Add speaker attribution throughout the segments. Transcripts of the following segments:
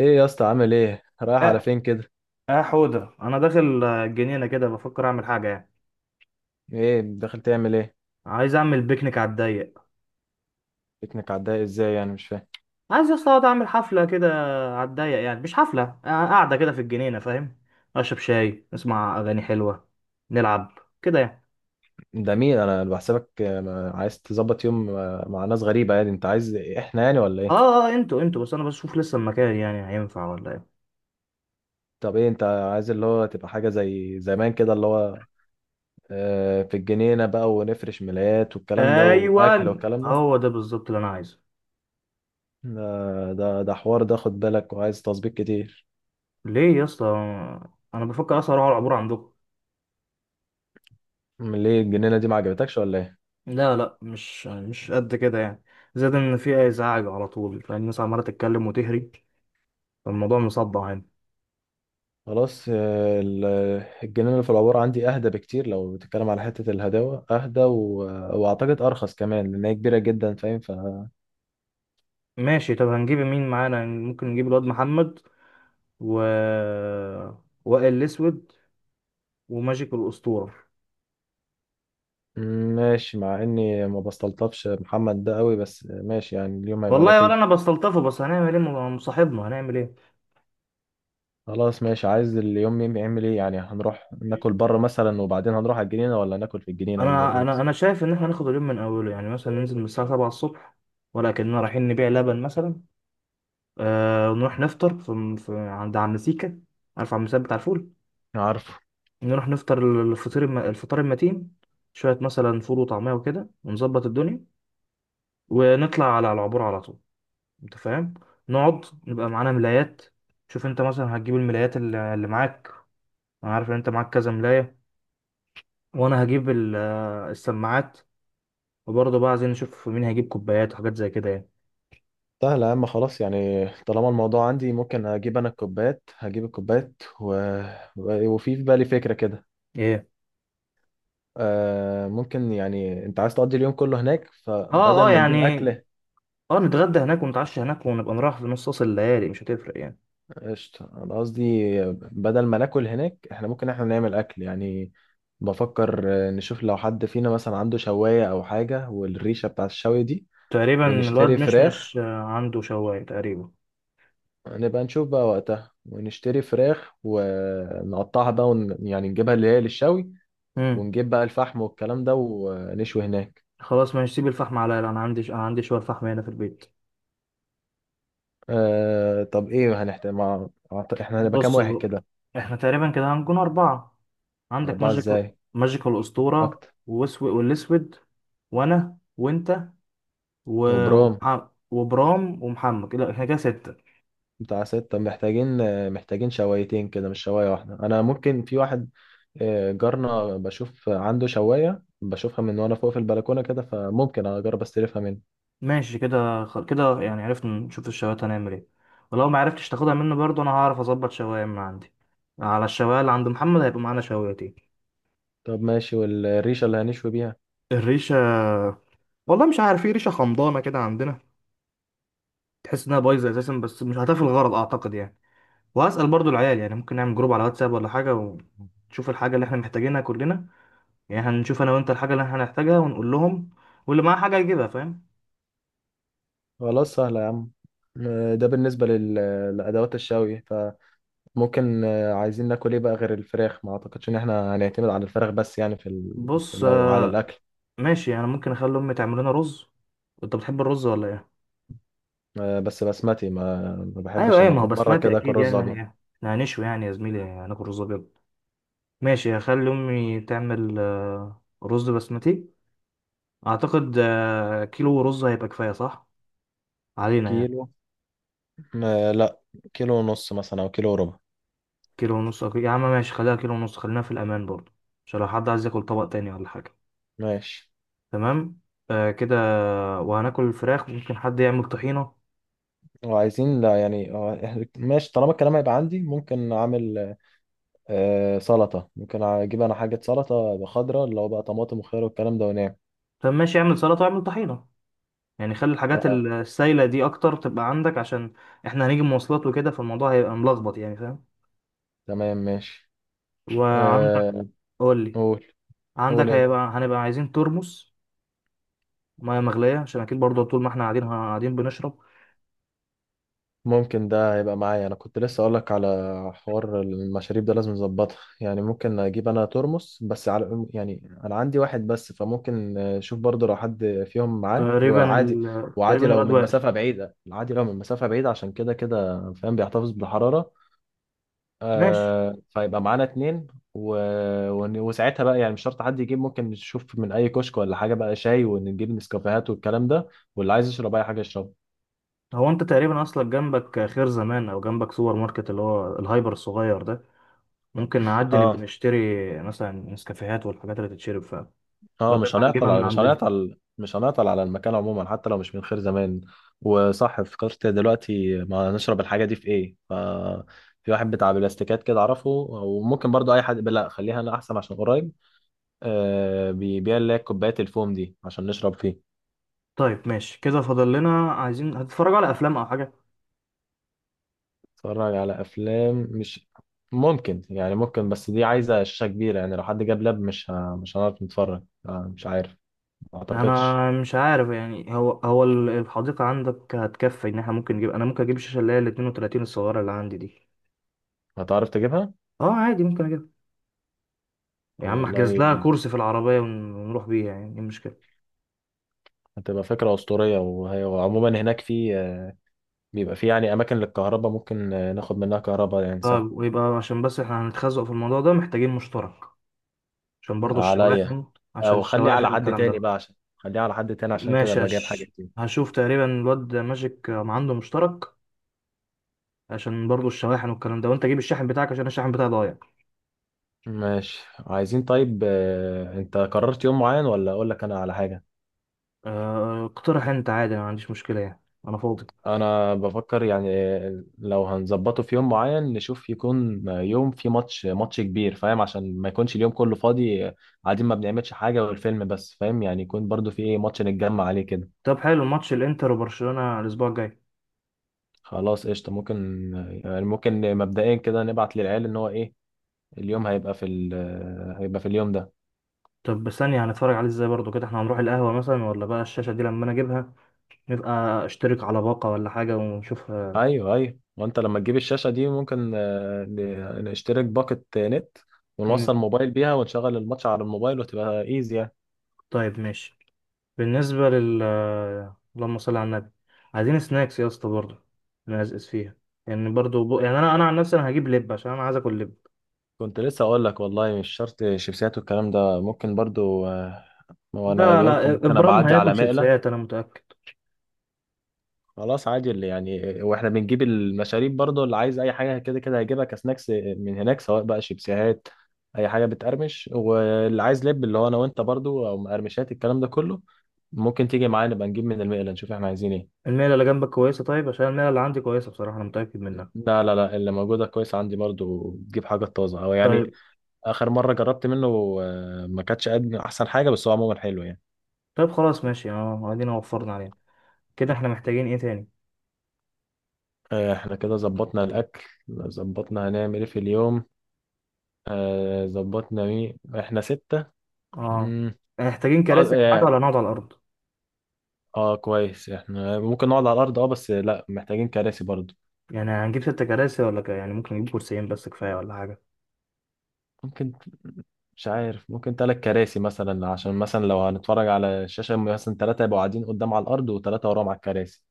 Speaker 1: ايه يا اسطى، عامل ايه؟ رايح على
Speaker 2: اه
Speaker 1: فين كده؟
Speaker 2: اه، حوده، انا داخل، الجنينه كده، بفكر اعمل حاجه يعني.
Speaker 1: ايه داخل تعمل ايه؟
Speaker 2: عايز اعمل بيكنيك على الضيق.
Speaker 1: بيكنيك؟ عداها ازاي يعني؟ مش فاهم.
Speaker 2: عايز اصلا اقعد اعمل حفله كده، على الضيق يعني مش حفله، قاعده كده في الجنينه فاهم. اشرب شاي، اسمع اغاني حلوه، نلعب كده يعني.
Speaker 1: ده مين؟ انا بحسبك عايز تظبط يوم مع ناس غريبه، يعني انت عايز احنا يعني ولا
Speaker 2: اه
Speaker 1: ايه؟
Speaker 2: اه اه، انتوا بس انا بشوف لسه المكان، يعني هينفع ولا ايه؟
Speaker 1: طب ايه انت عايز؟ اللي هو تبقى حاجه زي زمان كده، اللي هو في الجنينه بقى، ونفرش ملايات والكلام ده، واكل
Speaker 2: ايوه،
Speaker 1: والكلام ده.
Speaker 2: هو ده بالظبط اللي انا عايزه.
Speaker 1: ده حوار ده، خد بالك، وعايز تظبيط كتير.
Speaker 2: ليه يا اسطى؟ انا بفكر اصلا اروح على العبور عندكم.
Speaker 1: ليه الجنينه دي ما عجبتكش ولا ايه؟
Speaker 2: لا لا، مش قد كده يعني. زاد ان في ازعاج على طول، فالناس عماله تتكلم وتهري، الموضوع مصدع هنا.
Speaker 1: خلاص. الجنينة اللي في العبور عندي أهدى بكتير، لو بتتكلم على حتة الهداوة أهدى وأعتقد أرخص كمان، لأن هي كبيرة جدا، فاهم؟
Speaker 2: ماشي، طب هنجيب مين معانا؟ ممكن نجيب الواد محمد، و وائل الاسود، وماجيك الاسطوره.
Speaker 1: ماشي، مع إني ما بستلطفش محمد ده قوي، بس ماشي يعني، اليوم هيبقى
Speaker 2: والله ولا
Speaker 1: لطيف.
Speaker 2: انا بستلطفه، بس هنعمل ايه؟ ما هو صاحبنا، هنعمل ايه.
Speaker 1: خلاص، ماشي. عايز اليوم يعمل إيه يعني؟ هنروح ناكل بره مثلا، وبعدين هنروح على الجنينة، ولا ناكل في الجنينة، ولا إيه اللي
Speaker 2: انا انا
Speaker 1: هيحصل؟
Speaker 2: انا شايف ان احنا ناخد اليوم من اوله، يعني مثلا ننزل من الساعه 7 الصبح، ولكننا رايحين نبيع لبن مثلا. ونروح نفطر في عند عم سيكا، عارف عم سيكا بتاع الفول.
Speaker 1: عارفه.
Speaker 2: نروح نفطر الفطير الفطار المتين، شويه مثلا فول وطعميه وكده، ونظبط الدنيا ونطلع على العبور على طول. انت فاهم. نقعد، نبقى معانا ملايات. شوف انت مثلا هتجيب الملايات اللي معاك، انا عارف ان انت معاك كذا ملاية. وانا هجيب السماعات. وبرضه بقى عايزين نشوف مين هيجيب كوبايات وحاجات زي كده يعني.
Speaker 1: سهل يا عم، خلاص يعني. طالما الموضوع عندي، ممكن أجيب أنا الكوبايات، هجيب الكوبايات وفي في بالي فكرة كده.
Speaker 2: ايه؟
Speaker 1: ممكن يعني، انت عايز تقضي اليوم كله هناك،
Speaker 2: اه
Speaker 1: فبدل
Speaker 2: اه
Speaker 1: ما
Speaker 2: يعني.
Speaker 1: نجيب اكل.
Speaker 2: اه نتغدى هناك ونتعشى هناك، ونبقى نروح في نص وسط الليالي، مش هتفرق يعني.
Speaker 1: قشطة، انا قصدي، بدل ما ناكل هناك، احنا ممكن احنا نعمل اكل يعني. بفكر نشوف لو حد فينا مثلا عنده شواية او حاجة، والريشة بتاع الشوي دي.
Speaker 2: تقريبا الواد
Speaker 1: ونشتري
Speaker 2: مش
Speaker 1: فراخ.
Speaker 2: مش آه، عنده شواية تقريبا.
Speaker 1: نبقى نشوف بقى وقتها، ونشتري فراخ ونقطعها بقى، يعني نجيبها اللي هي للشوي.
Speaker 2: امم.
Speaker 1: ونجيب بقى الفحم والكلام ده، ونشوي هناك.
Speaker 2: خلاص ماشي، سيب الفحم عليا، لا، انا عندي، شوية فحم هنا في البيت.
Speaker 1: طب ايه هنحتاج احنا هنبقى كام
Speaker 2: بص
Speaker 1: واحد
Speaker 2: بقى.
Speaker 1: كده؟
Speaker 2: احنا تقريبا كده هنكون أربعة. عندك
Speaker 1: أربعة
Speaker 2: ماجيك،
Speaker 1: ازاي؟
Speaker 2: ماجيك الأسطورة،
Speaker 1: اكتر.
Speaker 2: واسود والأسود، وأنا وأنت، و...
Speaker 1: وبرام.
Speaker 2: وبرام ومحمد، كده احنا كده ستة.
Speaker 1: بتاع ستة، محتاجين. محتاجين شوايتين كده، مش شواية واحدة. انا ممكن في واحد، جارنا، بشوف عنده شواية، بشوفها من وانا فوق في البلكونة كده، فممكن اجرب استلفها منه.
Speaker 2: ماشي كده، كده يعني عرفنا نشوف الشواية هنعمل ايه. ولو ما عرفتش تاخدها منه برضه، أنا هعرف أظبط شواية من عندي، على الشواية اللي عند محمد هيبقى معانا شوايتين.
Speaker 1: طب ماشي. والريشة اللي هنشوي بيها؟
Speaker 2: الريشة، والله مش عارف، ايه ريشة خمضانة كده عندنا، تحس إنها بايظة أساسا، بس مش هتفي الغرض أعتقد يعني. وهسأل برضه العيال، يعني ممكن نعمل جروب على واتساب ولا حاجة، ونشوف الحاجة اللي احنا محتاجينها كلنا. يعني هنشوف انا وانت الحاجه اللي احنا هنحتاجها ونقول لهم، واللي معاه حاجه يجيبها، فاهم.
Speaker 1: خلاص، سهلة يا عم. ده بالنسبة لأدوات الشوي. فممكن عايزين ناكل ايه بقى غير الفراخ؟ ما اعتقدش ان احنا هنعتمد على الفراخ بس يعني، في
Speaker 2: بص،
Speaker 1: لو على الاكل.
Speaker 2: ماشي. انا ممكن اخلي امي تعمل لنا رز، انت بتحب الرز ولا ايه؟
Speaker 1: بس بسمتي، ما
Speaker 2: ايوه
Speaker 1: بحبش
Speaker 2: ايه،
Speaker 1: اما
Speaker 2: ما هو
Speaker 1: اكون بره
Speaker 2: بسمتي
Speaker 1: كده اكل
Speaker 2: اكيد يعني،
Speaker 1: رز
Speaker 2: ما هي
Speaker 1: ابيض.
Speaker 2: احنا هنشوي يعني يا زميلي، هناكل رز ابيض. ماشي، هخلي امي تعمل رز بسمتي. اعتقد كيلو رز هيبقى كفايه، صح، علينا يعني.
Speaker 1: كيلو؟ ما لا، كيلو ونص مثلا، او كيلو وربع.
Speaker 2: كيلو ونص يا عم ماشي، خليها كيلو ونص، خلينا في الامان برضه، عشان لو حد عايز ياكل طبق تاني ولا حاجه.
Speaker 1: ماشي.
Speaker 2: تمام. كده. وهناكل الفراخ، ممكن حد يعمل طحينه.
Speaker 1: وعايزين، لا يعني، ماشي، طالما الكلام هيبقى عندي ممكن اعمل سلطة. ممكن اجيب انا حاجة سلطة خضراء، اللي هو بقى طماطم وخيار والكلام ده، ونعم.
Speaker 2: طب ماشي، اعمل سلطة واعمل طحينة، يعني خلي الحاجات
Speaker 1: آه،
Speaker 2: السايلة دي أكتر تبقى عندك، عشان إحنا هنيجي مواصلات وكده، فالموضوع هيبقى ملخبط يعني، فاهم.
Speaker 1: تمام، ماشي.
Speaker 2: وعندك.
Speaker 1: آه.
Speaker 2: قول لي.
Speaker 1: قول. قول
Speaker 2: عندك
Speaker 1: انت.
Speaker 2: هيبقى، هنبقى عايزين ترمس مياه مغلية، عشان أكيد برضه طول ما إحنا قاعدين، قاعدين بنشرب.
Speaker 1: ممكن ده هيبقى معايا. انا كنت لسه اقولك على حوار المشاريب ده، لازم نظبطها يعني. ممكن اجيب انا ترمس بس، على يعني انا عندي واحد بس، فممكن اشوف برضه لو حد فيهم معاه،
Speaker 2: تقريبا
Speaker 1: وعادي،
Speaker 2: تقريبا
Speaker 1: وعادي لو
Speaker 2: الواد
Speaker 1: من
Speaker 2: وائل.
Speaker 1: مسافة بعيدة، عادي لو من مسافة بعيدة، عشان كده كده فاهم بيحتفظ بالحرارة.
Speaker 2: ماشي.
Speaker 1: فيبقى معانا اتنين و... وساعتها بقى يعني، مش شرط حد يجيب، ممكن نشوف من اي كشك ولا حاجة بقى شاي، ونجيب نسكافيهات والكلام ده، واللي عايز يشرب اي حاجة يشربها.
Speaker 2: هو أنت تقريبا أصلا جنبك خير زمان، أو جنبك سوبر ماركت اللي هو الهايبر الصغير ده، ممكن نعدي نبقى
Speaker 1: اه،
Speaker 2: نشتري مثلا نسكافيهات والحاجات اللي تتشرب، فبدل
Speaker 1: اه.
Speaker 2: ما نجيبها من عندنا.
Speaker 1: مش هنعطل على المكان عموما، حتى لو مش من خير زمان. وصح، فكرت دلوقتي ما نشرب الحاجة دي في ايه؟ في واحد بتاع بلاستيكات كده اعرفه، وممكن برضو اي حد. لا، خليها انا احسن عشان قريب. بيبيع اللي هي كوبايات الفوم دي، عشان نشرب فيه.
Speaker 2: طيب ماشي كده، فاضل لنا عايزين، هتتفرجوا على افلام او حاجه؟
Speaker 1: اتفرج على افلام؟ مش ممكن بس دي عايزة شاشة كبيرة يعني. لو حد جاب لاب، مش هنعرف نتفرج. مش عارف. ما اعتقدش.
Speaker 2: انا مش عارف يعني، هو الحديقه عندك هتكفي ان احنا ممكن نجيب، انا ممكن اجيب الشاشه اللي هي ال 32 الصغيره اللي عندي دي.
Speaker 1: هتعرف تجيبها؟
Speaker 2: اه عادي، ممكن اجيبها، يا
Speaker 1: طب
Speaker 2: عم احجز
Speaker 1: والله،
Speaker 2: لها كرسي في العربيه، ونروح بيها، يعني ايه المشكله.
Speaker 1: هتبقى فكرة أسطورية. وعموما، هناك في، بيبقى في يعني أماكن للكهرباء، ممكن ناخد منها كهرباء يعني، سهل.
Speaker 2: طيب ويبقى، عشان بس احنا هنتخزق في الموضوع ده، محتاجين مشترك عشان برضو
Speaker 1: عليا.
Speaker 2: الشواحن، عشان
Speaker 1: أو خلي على
Speaker 2: الشواحن
Speaker 1: حد
Speaker 2: والكلام
Speaker 1: تاني
Speaker 2: ده.
Speaker 1: بقى، عشان خليها على حد تاني، عشان كده
Speaker 2: ماشي،
Speaker 1: أبقى جايب حاجة كتير.
Speaker 2: هشوف تقريبا الواد ماجيك ما عنده مشترك، عشان برضو الشواحن والكلام ده، وانت جيب الشاحن بتاعك عشان الشاحن بتاعي ضايع.
Speaker 1: ماشي، عايزين، طيب أنت قررت يوم معين، ولا أقول لك أنا على حاجة؟
Speaker 2: اقترح انت عادي، انا ما عنديش مشكله يعني، انا فاضي.
Speaker 1: أنا بفكر يعني، لو هنظبطه في يوم معين، نشوف يكون يوم في ماتش كبير، فاهم؟ عشان ما يكونش اليوم كله فاضي، قاعدين ما بنعملش حاجة والفيلم بس، فاهم يعني، يكون برضو في إيه، ماتش نتجمع عليه كده.
Speaker 2: طب حلو، ماتش الانتر وبرشلونه الاسبوع الجاي.
Speaker 1: خلاص، قشطة، ممكن. يعني ممكن مبدئيا كده نبعت للعيال ان هو ايه. اليوم هيبقى في هيبقى في اليوم ده.
Speaker 2: طب ثانيه، هنتفرج عليه ازاي برضو كده؟ احنا هنروح القهوه مثلا ولا بقى الشاشه دي لما انا اجيبها، نبقى اشترك على باقه ولا حاجه ونشوفها.
Speaker 1: ايوه، ايوه. وانت لما تجيب الشاشة دي، ممكن نشترك باقة نت،
Speaker 2: مم.
Speaker 1: ونوصل موبايل بيها، ونشغل الماتش على الموبايل، وتبقى ايزي يعني.
Speaker 2: طيب ماشي. بالنسبه لل اللهم صل على النبي، عايزين سناكس يا اسطى برضو، نقزقز فيها يعني، برضو يعني انا عن نفسي انا هجيب لب، عشان انا عايز اكل لب.
Speaker 1: كنت لسه اقول لك، والله مش شرط شيبسيات والكلام ده، ممكن برضو، وانا
Speaker 2: لا
Speaker 1: جاي لكم
Speaker 2: لا،
Speaker 1: ممكن ابقى
Speaker 2: ابرام
Speaker 1: اعدي
Speaker 2: هياكل
Speaker 1: على مقلة.
Speaker 2: شيبسيات، انا متاكد.
Speaker 1: خلاص، عادي. اللي يعني واحنا بنجيب المشاريب برضه، اللي عايز اي حاجه كده كده هيجيبها كسناكس من هناك، سواء بقى شيبسيهات، اي حاجه بتقرمش، واللي عايز لب اللي هو انا وانت برضه، او مقرمشات الكلام ده كله. ممكن تيجي معانا، نبقى نجيب من المقله، نشوف احنا عايزين ايه.
Speaker 2: الميله اللي جنبك كويسه، طيب عشان الميله اللي عندي كويسه بصراحه انا متاكد منها.
Speaker 1: لا، لا، لا، اللي موجوده كويس. عندي برضه تجيب حاجه طازه او يعني،
Speaker 2: طيب.
Speaker 1: اخر مره جربت منه، ما كانتش قد احسن حاجه، بس هو عموما حلو يعني.
Speaker 2: طيب خلاص ماشي، اه، ادينا وفرنا عليها، كده احنا محتاجين ايه تاني؟
Speaker 1: احنا كده ظبطنا الاكل، ظبطنا هنعمل ايه في اليوم، ظبطنا مين احنا، ستة.
Speaker 2: اه،
Speaker 1: مم،
Speaker 2: محتاجين
Speaker 1: اه،
Speaker 2: كراسي او حاجه
Speaker 1: اه.
Speaker 2: ولا نقعد على الارض؟
Speaker 1: كويس، احنا ممكن نقعد على الارض، اه بس لا، محتاجين كراسي برضو.
Speaker 2: يعني هنجيب ست كراسي ولا يعني ممكن نجيب كرسيين بس كفايه ولا حاجه؟
Speaker 1: ممكن. مش عارف، ممكن ثلاث كراسي مثلا، عشان مثلا لو هنتفرج على الشاشة، مثلا ثلاثة يبقوا قاعدين قدام على الارض، وثلاثة وراهم على الكراسي.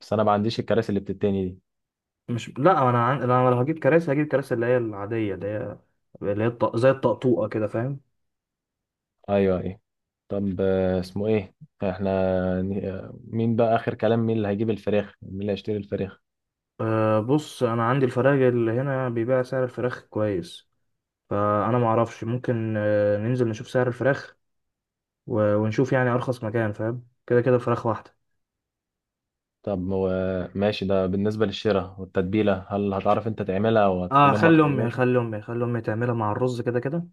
Speaker 1: بس انا ما عنديش الكراسي اللي بتتني دي.
Speaker 2: مش لا، انا انا لو هجيب كراسي، هجيب كراسي اللي هي العاديه، اللي هي زي الطقطوقه كده فاهم.
Speaker 1: ايوه، ايه؟ طب اسمه ايه، احنا، مين بقى اخر كلام؟ مين اللي هيجيب الفراخ؟ مين اللي هيشتري الفراخ؟
Speaker 2: بص انا عندي، الفراخ اللي هنا بيبيع سعر الفراخ كويس، فانا ما اعرفش، ممكن ننزل نشوف سعر الفراخ، ونشوف يعني ارخص مكان، فاهم، كده كده الفراخ واحده.
Speaker 1: طب هو، ماشي، ده بالنسبة للشراء والتتبيلة، هل هتعرف انت تعملها،
Speaker 2: اه،
Speaker 1: وهتخلي امك تعملها؟
Speaker 2: خلي امي تعملها مع الرز كده كده،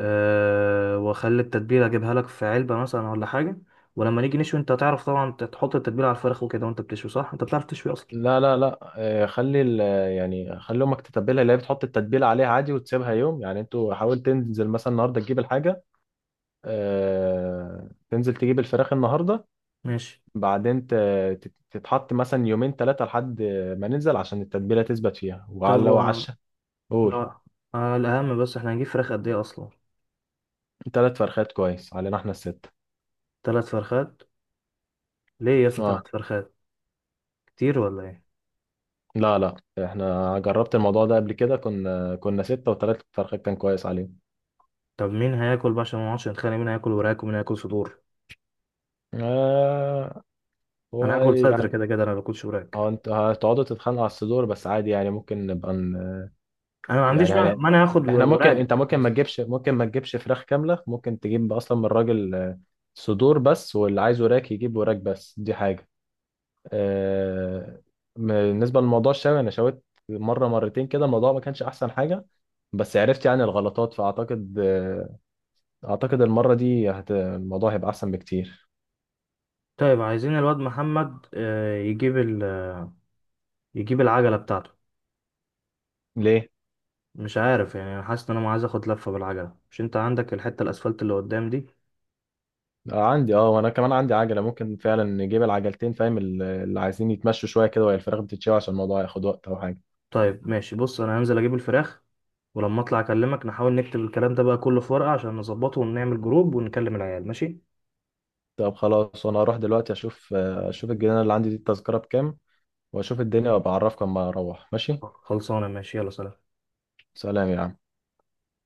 Speaker 2: واخلي التتبيله اجيبها لك في علبه مثلا ولا حاجه، ولما نيجي نشوي انت هتعرف طبعا تحط التتبيله على الفراخ وكده، وانت بتشوي صح، انت بتعرف تشوي اصلا.
Speaker 1: لا، لا، لا، خلي يعني خلي امك تتبلها، اللي هي بتحط التتبيله عليها عادي، وتسيبها يوم يعني. انتوا حاول تنزل مثلا النهارده، تجيب الحاجه، تنزل تجيب الفراخ النهارده.
Speaker 2: ماشي،
Speaker 1: بعدين تتحط مثلا يومين، ثلاثه، لحد ما ننزل، عشان التتبيله تثبت فيها، وعلى
Speaker 2: طب،
Speaker 1: لو
Speaker 2: اه،
Speaker 1: عشا. قول.
Speaker 2: لا، الاهم بس احنا هنجيب فراخ قد ايه اصلا؟
Speaker 1: ثلاث فرخات كويس علينا، احنا الستة.
Speaker 2: ثلاث فرخات. ليه يا اسطى
Speaker 1: اه.
Speaker 2: ثلاث فرخات؟ كتير ولا ايه؟
Speaker 1: لا، لا، احنا جربت الموضوع ده قبل كده، كنا ستة وثلاث فرخات، كان كويس عليهم.
Speaker 2: طب مين هياكل بقى عشان ما نقعدش نتخانق، مين هياكل وراك ومين هياكل صدور؟
Speaker 1: آه.
Speaker 2: انا هاكل صدر كده كده، انا ما باكلش وراك.
Speaker 1: اه، انتوا هتقعدوا تتخانقوا على الصدور بس، عادي يعني. ممكن نبقى
Speaker 2: انا ما عنديش
Speaker 1: يعني
Speaker 2: مانع، اخد
Speaker 1: احنا ممكن
Speaker 2: وراك
Speaker 1: انت ممكن، ما
Speaker 2: بس.
Speaker 1: تجيبش ممكن ما تجيبش فراخ كاملة، ممكن تجيب اصلا من الراجل، صدور بس، واللي عايز وراك يجيب وراك، بس دي حاجة. آه، بالنسبة لموضوع الشوي، انا شويت مرة مرتين كده، الموضوع ما كانش احسن حاجة، بس عرفت يعني الغلطات. فاعتقد، اعتقد المرة دي الموضوع هيبقى احسن بكتير.
Speaker 2: طيب عايزين الواد محمد يجيب العجله بتاعته،
Speaker 1: ليه؟
Speaker 2: مش عارف يعني انا حاسس ان انا عايز اخد لفه بالعجله، مش انت عندك الحته الاسفلت اللي قدام دي؟
Speaker 1: عندي. اه وانا كمان عندي عجله، ممكن فعلا نجيب العجلتين، فاهم؟ اللي عايزين يتمشوا شويه كده وهي الفراخ بتتشوي، عشان الموضوع هياخد وقت او حاجه.
Speaker 2: طيب ماشي، بص انا هنزل اجيب الفراخ ولما اطلع اكلمك، نحاول نكتب الكلام ده بقى كله في ورقه عشان نظبطه ونعمل جروب ونكلم العيال، ماشي.
Speaker 1: طب خلاص، وانا هروح دلوقتي اشوف الجنينه اللي عندي دي، التذكره بكام، واشوف الدنيا، وابقى اعرفك اما اروح. ماشي.
Speaker 2: خلصانه ماشي، يلا سلام.
Speaker 1: سلام يا عم.